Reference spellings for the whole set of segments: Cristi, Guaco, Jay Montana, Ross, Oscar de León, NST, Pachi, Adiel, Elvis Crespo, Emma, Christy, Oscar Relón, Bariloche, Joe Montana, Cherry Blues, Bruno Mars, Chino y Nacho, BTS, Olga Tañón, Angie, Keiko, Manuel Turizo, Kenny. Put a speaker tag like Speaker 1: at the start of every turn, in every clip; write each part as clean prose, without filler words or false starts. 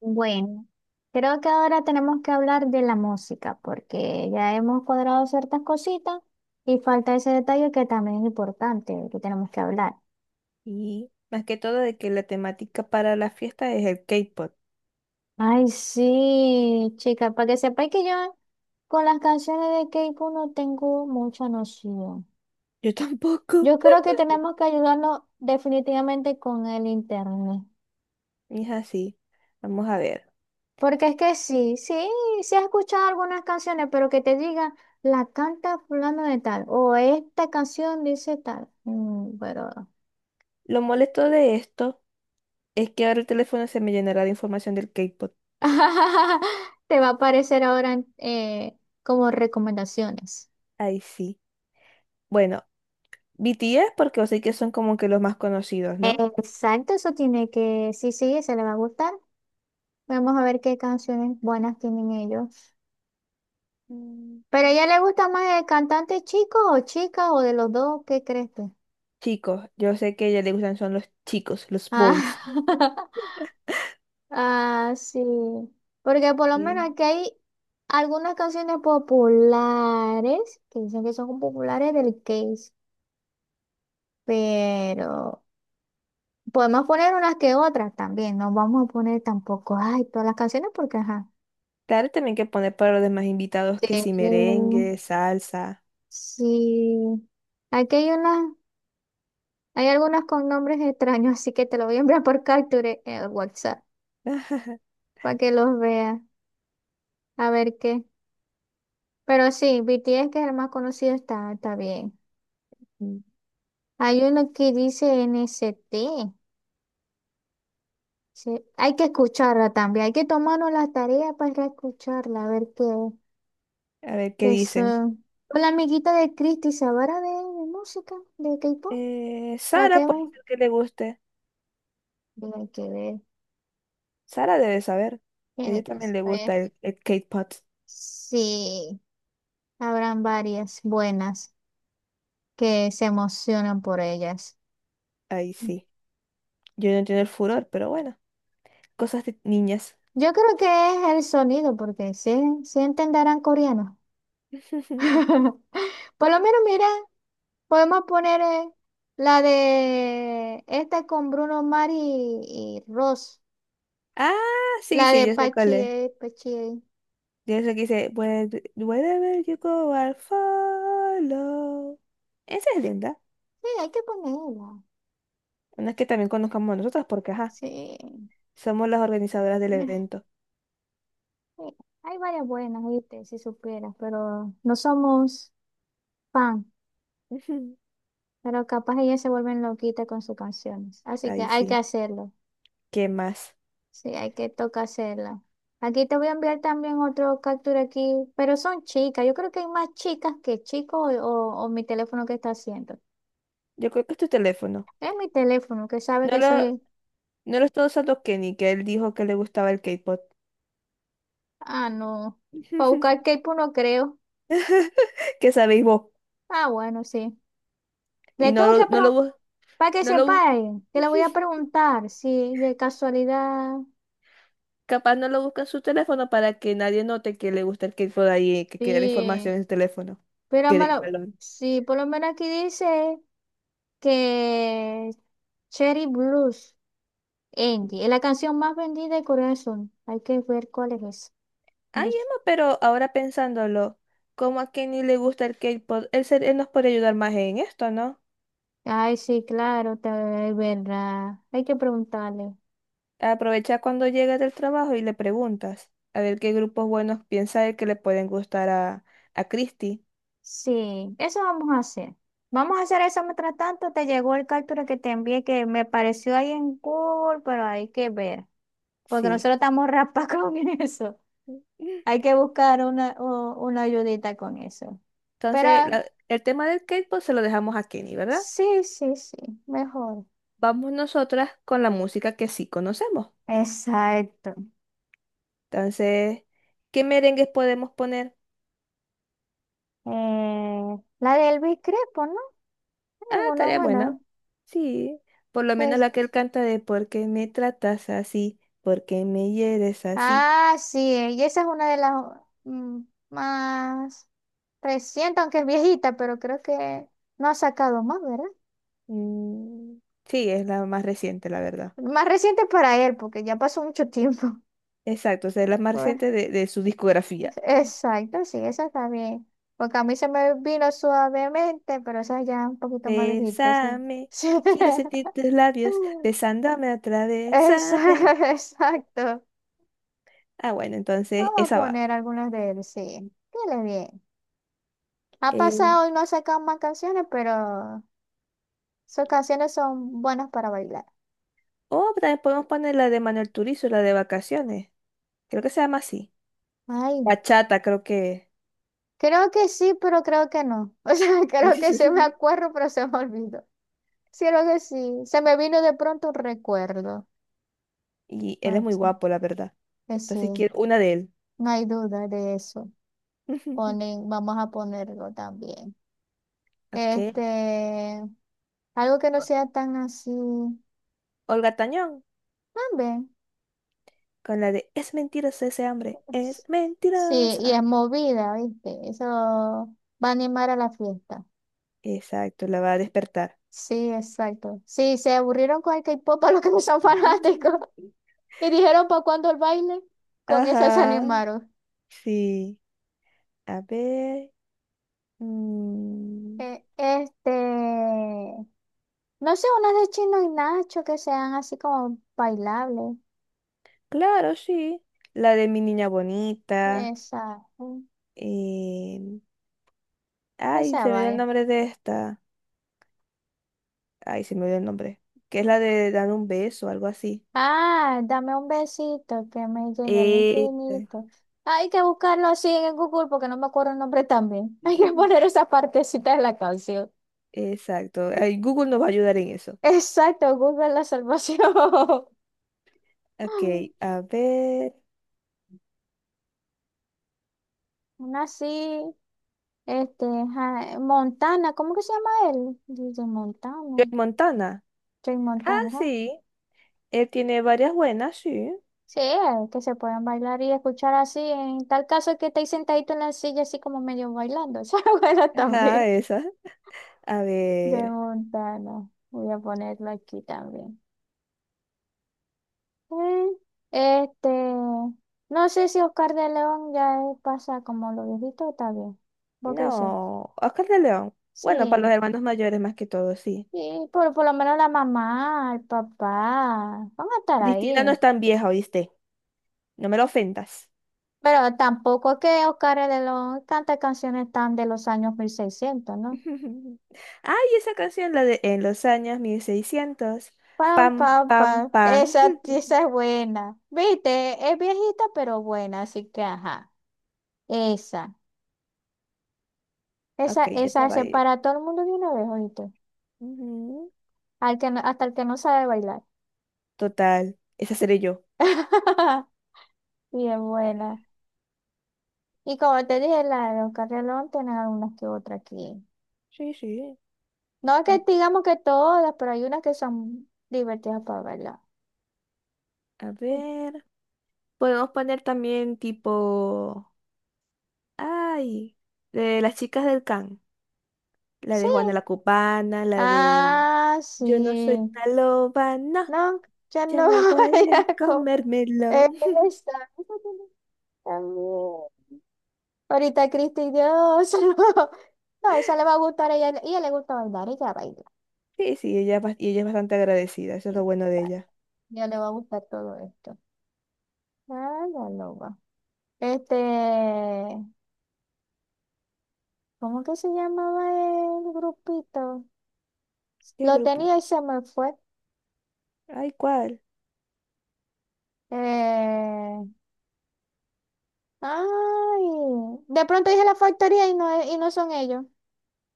Speaker 1: Bueno, creo que ahora tenemos que hablar de la música, porque ya hemos cuadrado ciertas cositas y falta ese detalle que también es importante, que tenemos que hablar.
Speaker 2: Y más que todo de que la temática para la fiesta es el K-pop.
Speaker 1: Ay, sí, chica, para que sepáis que yo con las canciones de Keiko no tengo mucha noción.
Speaker 2: Yo tampoco.
Speaker 1: Yo creo que tenemos que ayudarnos definitivamente con el internet.
Speaker 2: Y es así. Vamos a ver.
Speaker 1: Porque es que sí, sí he escuchado algunas canciones, pero que te digan, la canta fulano de tal, o esta canción dice tal. Mm, pero
Speaker 2: Lo molesto de esto es que ahora el teléfono se me llenará de información del K-pop.
Speaker 1: te va a aparecer ahora eh, como recomendaciones.
Speaker 2: Ahí sí. Bueno, BTS porque yo sé que son como que los más conocidos, ¿no?
Speaker 1: Exacto, eso tiene que, sí, sí, se le va a gustar. Vamos a ver qué canciones buenas tienen ellos.
Speaker 2: Mm.
Speaker 1: ¿Pero a ella le gusta más el cantante chico o chica o de los dos? ¿Qué crees tú?
Speaker 2: Chicos, yo sé que a ella le gustan son los chicos, los
Speaker 1: Ah.
Speaker 2: boys.
Speaker 1: Ah, sí. Porque por lo menos
Speaker 2: Sí.
Speaker 1: aquí hay algunas canciones populares que dicen que son populares del case, pero podemos poner unas que otras también. No vamos a poner tampoco, ay, todas las canciones porque, ajá.
Speaker 2: Claro, también que poner para los demás invitados que
Speaker 1: Sí.
Speaker 2: si
Speaker 1: Mm,
Speaker 2: merengue, salsa.
Speaker 1: sí. Aquí hay unas, hay algunas con nombres extraños, así que te lo voy a enviar por capture en el WhatsApp para que los veas, a ver qué. Pero sí, BTS, que es el más conocido, está, está bien.
Speaker 2: Mm.
Speaker 1: Hay uno que dice NST. Sí, hay que escucharla también. Hay que tomarnos la tarea para escucharla, a ver qué,
Speaker 2: A ver qué
Speaker 1: qué
Speaker 2: dicen.
Speaker 1: son. Con la amiguita de Cristi, ¿sabrá de música? ¿De K-pop? La que
Speaker 2: Sara puede
Speaker 1: hemos.
Speaker 2: ser que le guste.
Speaker 1: Tiene que ver.
Speaker 2: Sara debe saber. A ella
Speaker 1: Tiene que
Speaker 2: también le
Speaker 1: saber.
Speaker 2: gusta el K-pop.
Speaker 1: Sí, habrán varias buenas que se emocionan por ellas.
Speaker 2: Ahí sí. Yo no entiendo el furor, pero bueno. Cosas de niñas.
Speaker 1: Yo creo que es el sonido, porque sí, sí entenderán coreano. Por lo menos, mira. Podemos poner la de esta con Bruno Mars y Ross.
Speaker 2: Ah, sí,
Speaker 1: La
Speaker 2: sí,
Speaker 1: de
Speaker 2: yo sé
Speaker 1: Pachi,
Speaker 2: cuál es.
Speaker 1: Pachi.
Speaker 2: Yo sé que dice, wherever you go, I'll follow. Esa es linda.
Speaker 1: Sí, hay que ponerla.
Speaker 2: Una es que también conozcamos a nosotras porque, ajá,
Speaker 1: Sí.
Speaker 2: somos las organizadoras del
Speaker 1: Sí,
Speaker 2: evento.
Speaker 1: hay varias buenas, ¿viste? Si supieras, pero no somos fan. Pero capaz ellas se vuelven loquitas con sus canciones. Así que
Speaker 2: Ahí
Speaker 1: hay que
Speaker 2: sí.
Speaker 1: hacerlo.
Speaker 2: ¿Qué más?
Speaker 1: Sí, hay que toca hacerla. Aquí te voy a enviar también otro captura aquí, pero son chicas. Yo creo que hay más chicas que chicos o mi teléfono que está haciendo.
Speaker 2: Yo creo que es tu teléfono.
Speaker 1: Es mi teléfono, que sabe
Speaker 2: No
Speaker 1: que
Speaker 2: lo,
Speaker 1: soy.
Speaker 2: No lo estoy usando Kenny, que él dijo que le gustaba el K-pop.
Speaker 1: Ah, no. Para buscar K-pop no creo.
Speaker 2: ¿Qué sabéis vos?
Speaker 1: Ah, bueno, sí. Le
Speaker 2: Y no
Speaker 1: tengo
Speaker 2: lo,
Speaker 1: que
Speaker 2: no lo,
Speaker 1: preguntar,
Speaker 2: bus-
Speaker 1: para que
Speaker 2: no lo,
Speaker 1: sepa,
Speaker 2: bu-
Speaker 1: que le voy a preguntar si de casualidad.
Speaker 2: capaz no lo busca en su teléfono para que nadie note que le gusta el K-pop ahí, que quede la información
Speaker 1: Sí.
Speaker 2: en su teléfono.
Speaker 1: Pero
Speaker 2: Que de
Speaker 1: malo,
Speaker 2: balón.
Speaker 1: sí, por lo menos aquí dice que Cherry Blues,
Speaker 2: Mm.
Speaker 1: Angie, es la canción más vendida de Corea del Sur. Hay que ver cuál es esa.
Speaker 2: Ay,
Speaker 1: Blues.
Speaker 2: Emma, pero ahora pensándolo, como a Kenny le gusta el K-pop, él nos puede ayudar más en esto, ¿no?
Speaker 1: Ay, sí, claro, te- es verdad. Hay que preguntarle.
Speaker 2: Aprovecha cuando llegas del trabajo y le preguntas a ver qué grupos buenos piensa él que le pueden gustar a Christy.
Speaker 1: Sí, eso vamos a hacer. Vamos a hacer eso mientras tanto. Te llegó el captura que te envié que me pareció ahí en Google, pero hay que ver. Porque
Speaker 2: Sí.
Speaker 1: nosotros estamos raspa con eso. Hay que buscar una, u- una ayudita con eso. Pero
Speaker 2: Entonces,
Speaker 1: ah,
Speaker 2: el tema del K-pop se lo dejamos a Kenny, ¿verdad?
Speaker 1: sí, mejor.
Speaker 2: Vamos nosotras con la música que sí conocemos.
Speaker 1: Exacto.
Speaker 2: Entonces, ¿qué merengues podemos poner?
Speaker 1: La de Elvis Crespo, ¿no? Hay
Speaker 2: Ah,
Speaker 1: alguna
Speaker 2: tarea
Speaker 1: buena.
Speaker 2: buena. Sí, por lo menos
Speaker 1: Es-
Speaker 2: la que él canta de ¿Por qué me tratas así? ¿Por qué me hieres así?
Speaker 1: Ah, sí, y esa es una de las mm, más. Reciente, aunque es viejita, pero creo que no ha sacado más, ¿verdad?
Speaker 2: Mm, sí, es la más reciente, la verdad.
Speaker 1: Más reciente para él, porque ya pasó mucho tiempo.
Speaker 2: Exacto, o sea, es la más
Speaker 1: Pues,
Speaker 2: reciente de su discografía.
Speaker 1: exacto, sí, esa está bien. Porque a mí se me vino suavemente, pero esa ya un poquito más viejita, sí.
Speaker 2: Bésame,
Speaker 1: Sí.
Speaker 2: que quiero sentir tus labios, besándome otra vez, ¿sabe?
Speaker 1: Esa- Exacto.
Speaker 2: Ah, bueno, entonces
Speaker 1: Vamos a
Speaker 2: esa va.
Speaker 1: poner algunas de él, sí. Dile bien. Ha
Speaker 2: Eh,
Speaker 1: pasado y no ha sacado más canciones, pero sus canciones son buenas para bailar.
Speaker 2: o también podemos poner la de Manuel Turizo, la de vacaciones. Creo que se llama así.
Speaker 1: Ay.
Speaker 2: Bachata, creo que.
Speaker 1: Creo que sí, pero creo que no. O sea, creo que se me acuerdo, pero se me olvidó. Sí, creo que sí. Se me vino de pronto un recuerdo.
Speaker 2: Y él es muy
Speaker 1: Macho,
Speaker 2: guapo, la verdad.
Speaker 1: que
Speaker 2: Entonces
Speaker 1: sí,
Speaker 2: quiero una de él.
Speaker 1: no hay duda de eso. Ponen, vamos a ponerlo también.
Speaker 2: Ok.
Speaker 1: Este, algo que no sea tan así.
Speaker 2: Olga Tañón,
Speaker 1: También.
Speaker 2: con la de Es mentirosa ese hambre. Es
Speaker 1: Es- Sí, y
Speaker 2: mentirosa.
Speaker 1: es movida, ¿viste? Eso va a animar a la fiesta.
Speaker 2: Exacto, la va a despertar.
Speaker 1: Sí, exacto. Sí, se aburrieron con el K-pop a los que no son fanáticos. Y dijeron, ¿para cuándo el baile? Con eso se
Speaker 2: Ajá,
Speaker 1: animaron.
Speaker 2: sí. A ver. Mm,
Speaker 1: Este, no sé, unas de Chino y Nacho que sean así como bailables.
Speaker 2: claro, sí. La de mi niña bonita.
Speaker 1: Esa, mm,
Speaker 2: eh, Ay,
Speaker 1: esa
Speaker 2: se me dio el
Speaker 1: vaya.
Speaker 2: nombre de esta. Ay, se me dio el nombre. Que es la de dar un beso, algo así.
Speaker 1: Ah, dame un besito que me llegue al
Speaker 2: Eh,
Speaker 1: infinito. Hay que buscarlo así en Google porque no me acuerdo el nombre también. Hay que poner esa partecita de la canción.
Speaker 2: Exacto. Ay, Google nos va a ayudar en eso.
Speaker 1: Exacto, Google la salvación.
Speaker 2: Ok, a ver.
Speaker 1: Una así. Este, Ja- Montana, ¿cómo que se llama él? Dice
Speaker 2: Joe
Speaker 1: Montana,
Speaker 2: Montana.
Speaker 1: Jay
Speaker 2: Ah,
Speaker 1: Montana, ajá.
Speaker 2: sí. Él tiene varias buenas, sí.
Speaker 1: Sí, el que se pueden bailar y escuchar así, en tal caso que estéis sentadito en la silla así como medio bailando. Esa es buena también.
Speaker 2: Ajá, esas. A
Speaker 1: Jay
Speaker 2: ver.
Speaker 1: Montana, voy a ponerlo aquí también. Mm, este, no sé si Oscar de León ya pasa como lo viejito, está bien. ¿Vos qué sí,
Speaker 2: No. Oscar de León.
Speaker 1: sí,
Speaker 2: Bueno, para los hermanos mayores más que todo, sí.
Speaker 1: sí, por lo menos la mamá, el papá, van a estar
Speaker 2: Cristina no
Speaker 1: ahí.
Speaker 2: es tan vieja, ¿oíste? No me lo ofendas.
Speaker 1: Pero tampoco que Oscar es de los, tantas canciones tan de los años 1600, ¿no?
Speaker 2: Ay, esa canción, la de En los años 1600,
Speaker 1: Pam,
Speaker 2: pam,
Speaker 1: pam,
Speaker 2: pam,
Speaker 1: pam.
Speaker 2: pam.
Speaker 1: Esa, esa es buena. Viste, es viejita, pero buena, así que ajá. Esa, esa,
Speaker 2: Ok, esa
Speaker 1: esa
Speaker 2: va a
Speaker 1: se
Speaker 2: ir.
Speaker 1: para a todo el mundo de una vez, ¿oíste?
Speaker 2: Ujú.
Speaker 1: Al que no- hasta el que no sabe bailar.
Speaker 2: Total, esa seré yo.
Speaker 1: Bien buena. Y como te dije, la de Oscar Relón tiene algunas que otras aquí.
Speaker 2: Sí, sí.
Speaker 1: No es
Speaker 2: Mm,
Speaker 1: que digamos que todas, pero hay unas que son divertidas para bailar.
Speaker 2: A ver. Podemos poner también tipo. Ay, de las chicas del Can. La
Speaker 1: Sí,
Speaker 2: de Juana la Cubana, la de.
Speaker 1: ah,
Speaker 2: Yo no soy
Speaker 1: sí.
Speaker 2: una loba, no.
Speaker 1: No, ya
Speaker 2: Yo
Speaker 1: no
Speaker 2: no
Speaker 1: voy
Speaker 2: voy a
Speaker 1: a co- Esa,
Speaker 2: comérmelo.
Speaker 1: esa tiene también. Ahorita Cristi, Dios. No, no, esa le va a gustar a ella. Ella le gusta bailar, ella baila.
Speaker 2: Sí, sí, y ella es bastante agradecida. Eso es lo
Speaker 1: Ella
Speaker 2: bueno de
Speaker 1: baila.
Speaker 2: ella.
Speaker 1: Ya le va a gustar todo esto. Ah, la loba. Este, ¿cómo que se llamaba el grupito?
Speaker 2: ¿Qué
Speaker 1: Lo
Speaker 2: grupo?
Speaker 1: tenía y se me fue.
Speaker 2: Ay, ¿cuál?
Speaker 1: Eh, ay. De pronto dije la factoría y no, no son ellos.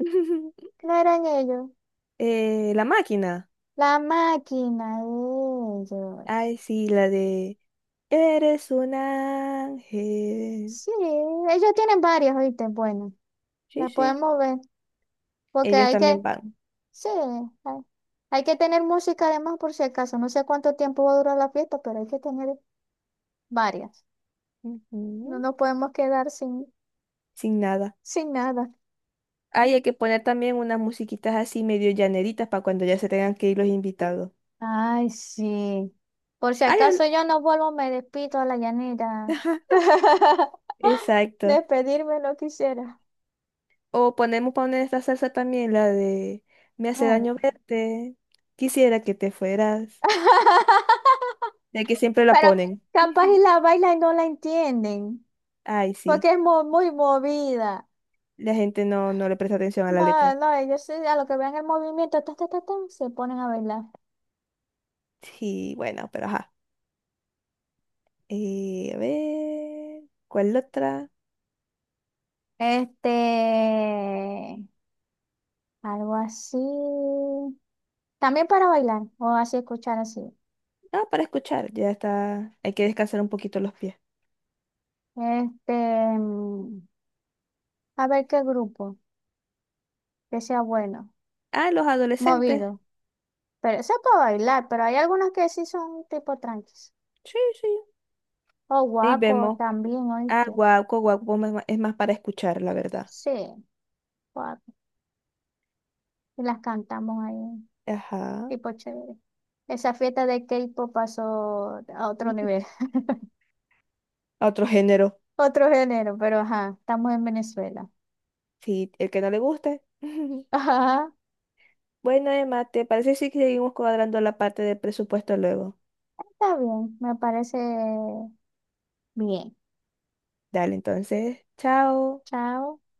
Speaker 1: No eran ellos.
Speaker 2: La máquina.
Speaker 1: La máquina de ellos.
Speaker 2: Ay, sí, la de Eres un ángel.
Speaker 1: Sí, ellos tienen varias, ¿viste? Bueno,
Speaker 2: Sí,
Speaker 1: la
Speaker 2: sí.
Speaker 1: podemos ver. Porque
Speaker 2: Ellos
Speaker 1: hay que,
Speaker 2: también van.
Speaker 1: sí, hay, hay que tener música además por si acaso. No sé cuánto tiempo va a durar la fiesta, pero hay que tener varias. No
Speaker 2: Ujú.
Speaker 1: nos podemos quedar sin,
Speaker 2: Sin nada.
Speaker 1: sin nada.
Speaker 2: Ay, hay que poner también unas musiquitas así medio llaneritas para cuando ya se tengan que ir los invitados.
Speaker 1: Ay, sí. Por si
Speaker 2: Ay,
Speaker 1: acaso yo no vuelvo, me despido a la llanera.
Speaker 2: Exacto.
Speaker 1: Despedirme no quisiera.
Speaker 2: O ponemos poner esta salsa también, la de Me hace daño
Speaker 1: Bueno.
Speaker 2: verte. Quisiera que te fueras. De que siempre la
Speaker 1: Pero
Speaker 2: ponen.
Speaker 1: capaz y la baila y no la entienden,
Speaker 2: Ay, sí.
Speaker 1: porque es mo- muy, movida.
Speaker 2: La gente no le presta atención a la
Speaker 1: No,
Speaker 2: letra.
Speaker 1: no, ellos sí, a lo que vean el movimiento, ta, ta, ta, ta, se ponen a bailar.
Speaker 2: Sí, bueno, pero ajá. A ver, ¿cuál otra?
Speaker 1: Este, algo así. También para bailar, o así escuchar así.
Speaker 2: Ah, para escuchar, ya está. Hay que descansar un poquito los pies.
Speaker 1: Este, mm, a ver qué grupo, que sea bueno,
Speaker 2: Ah, los adolescentes.
Speaker 1: movido. Pero eso es para bailar, pero hay algunas que sí son tipo tranquis.
Speaker 2: Sí, sí,
Speaker 1: O
Speaker 2: ahí
Speaker 1: guaco
Speaker 2: vemos.
Speaker 1: también,
Speaker 2: Ah,
Speaker 1: oíste.
Speaker 2: guaco, guaco, es más para escuchar, la verdad.
Speaker 1: Sí, guaco. Y las cantamos ahí.
Speaker 2: Ajá.
Speaker 1: Tipo chévere. Esa fiesta de K-pop pasó a otro
Speaker 2: Ujú.
Speaker 1: nivel.
Speaker 2: Otro género.
Speaker 1: Otro género, pero ajá, estamos en Venezuela.
Speaker 2: Sí, el que no le guste.
Speaker 1: Ajá,
Speaker 2: Bueno, Emma, ¿te parece si seguimos cuadrando la parte del presupuesto luego?
Speaker 1: está bien, me parece bien.
Speaker 2: Dale, entonces, chao.
Speaker 1: Chao.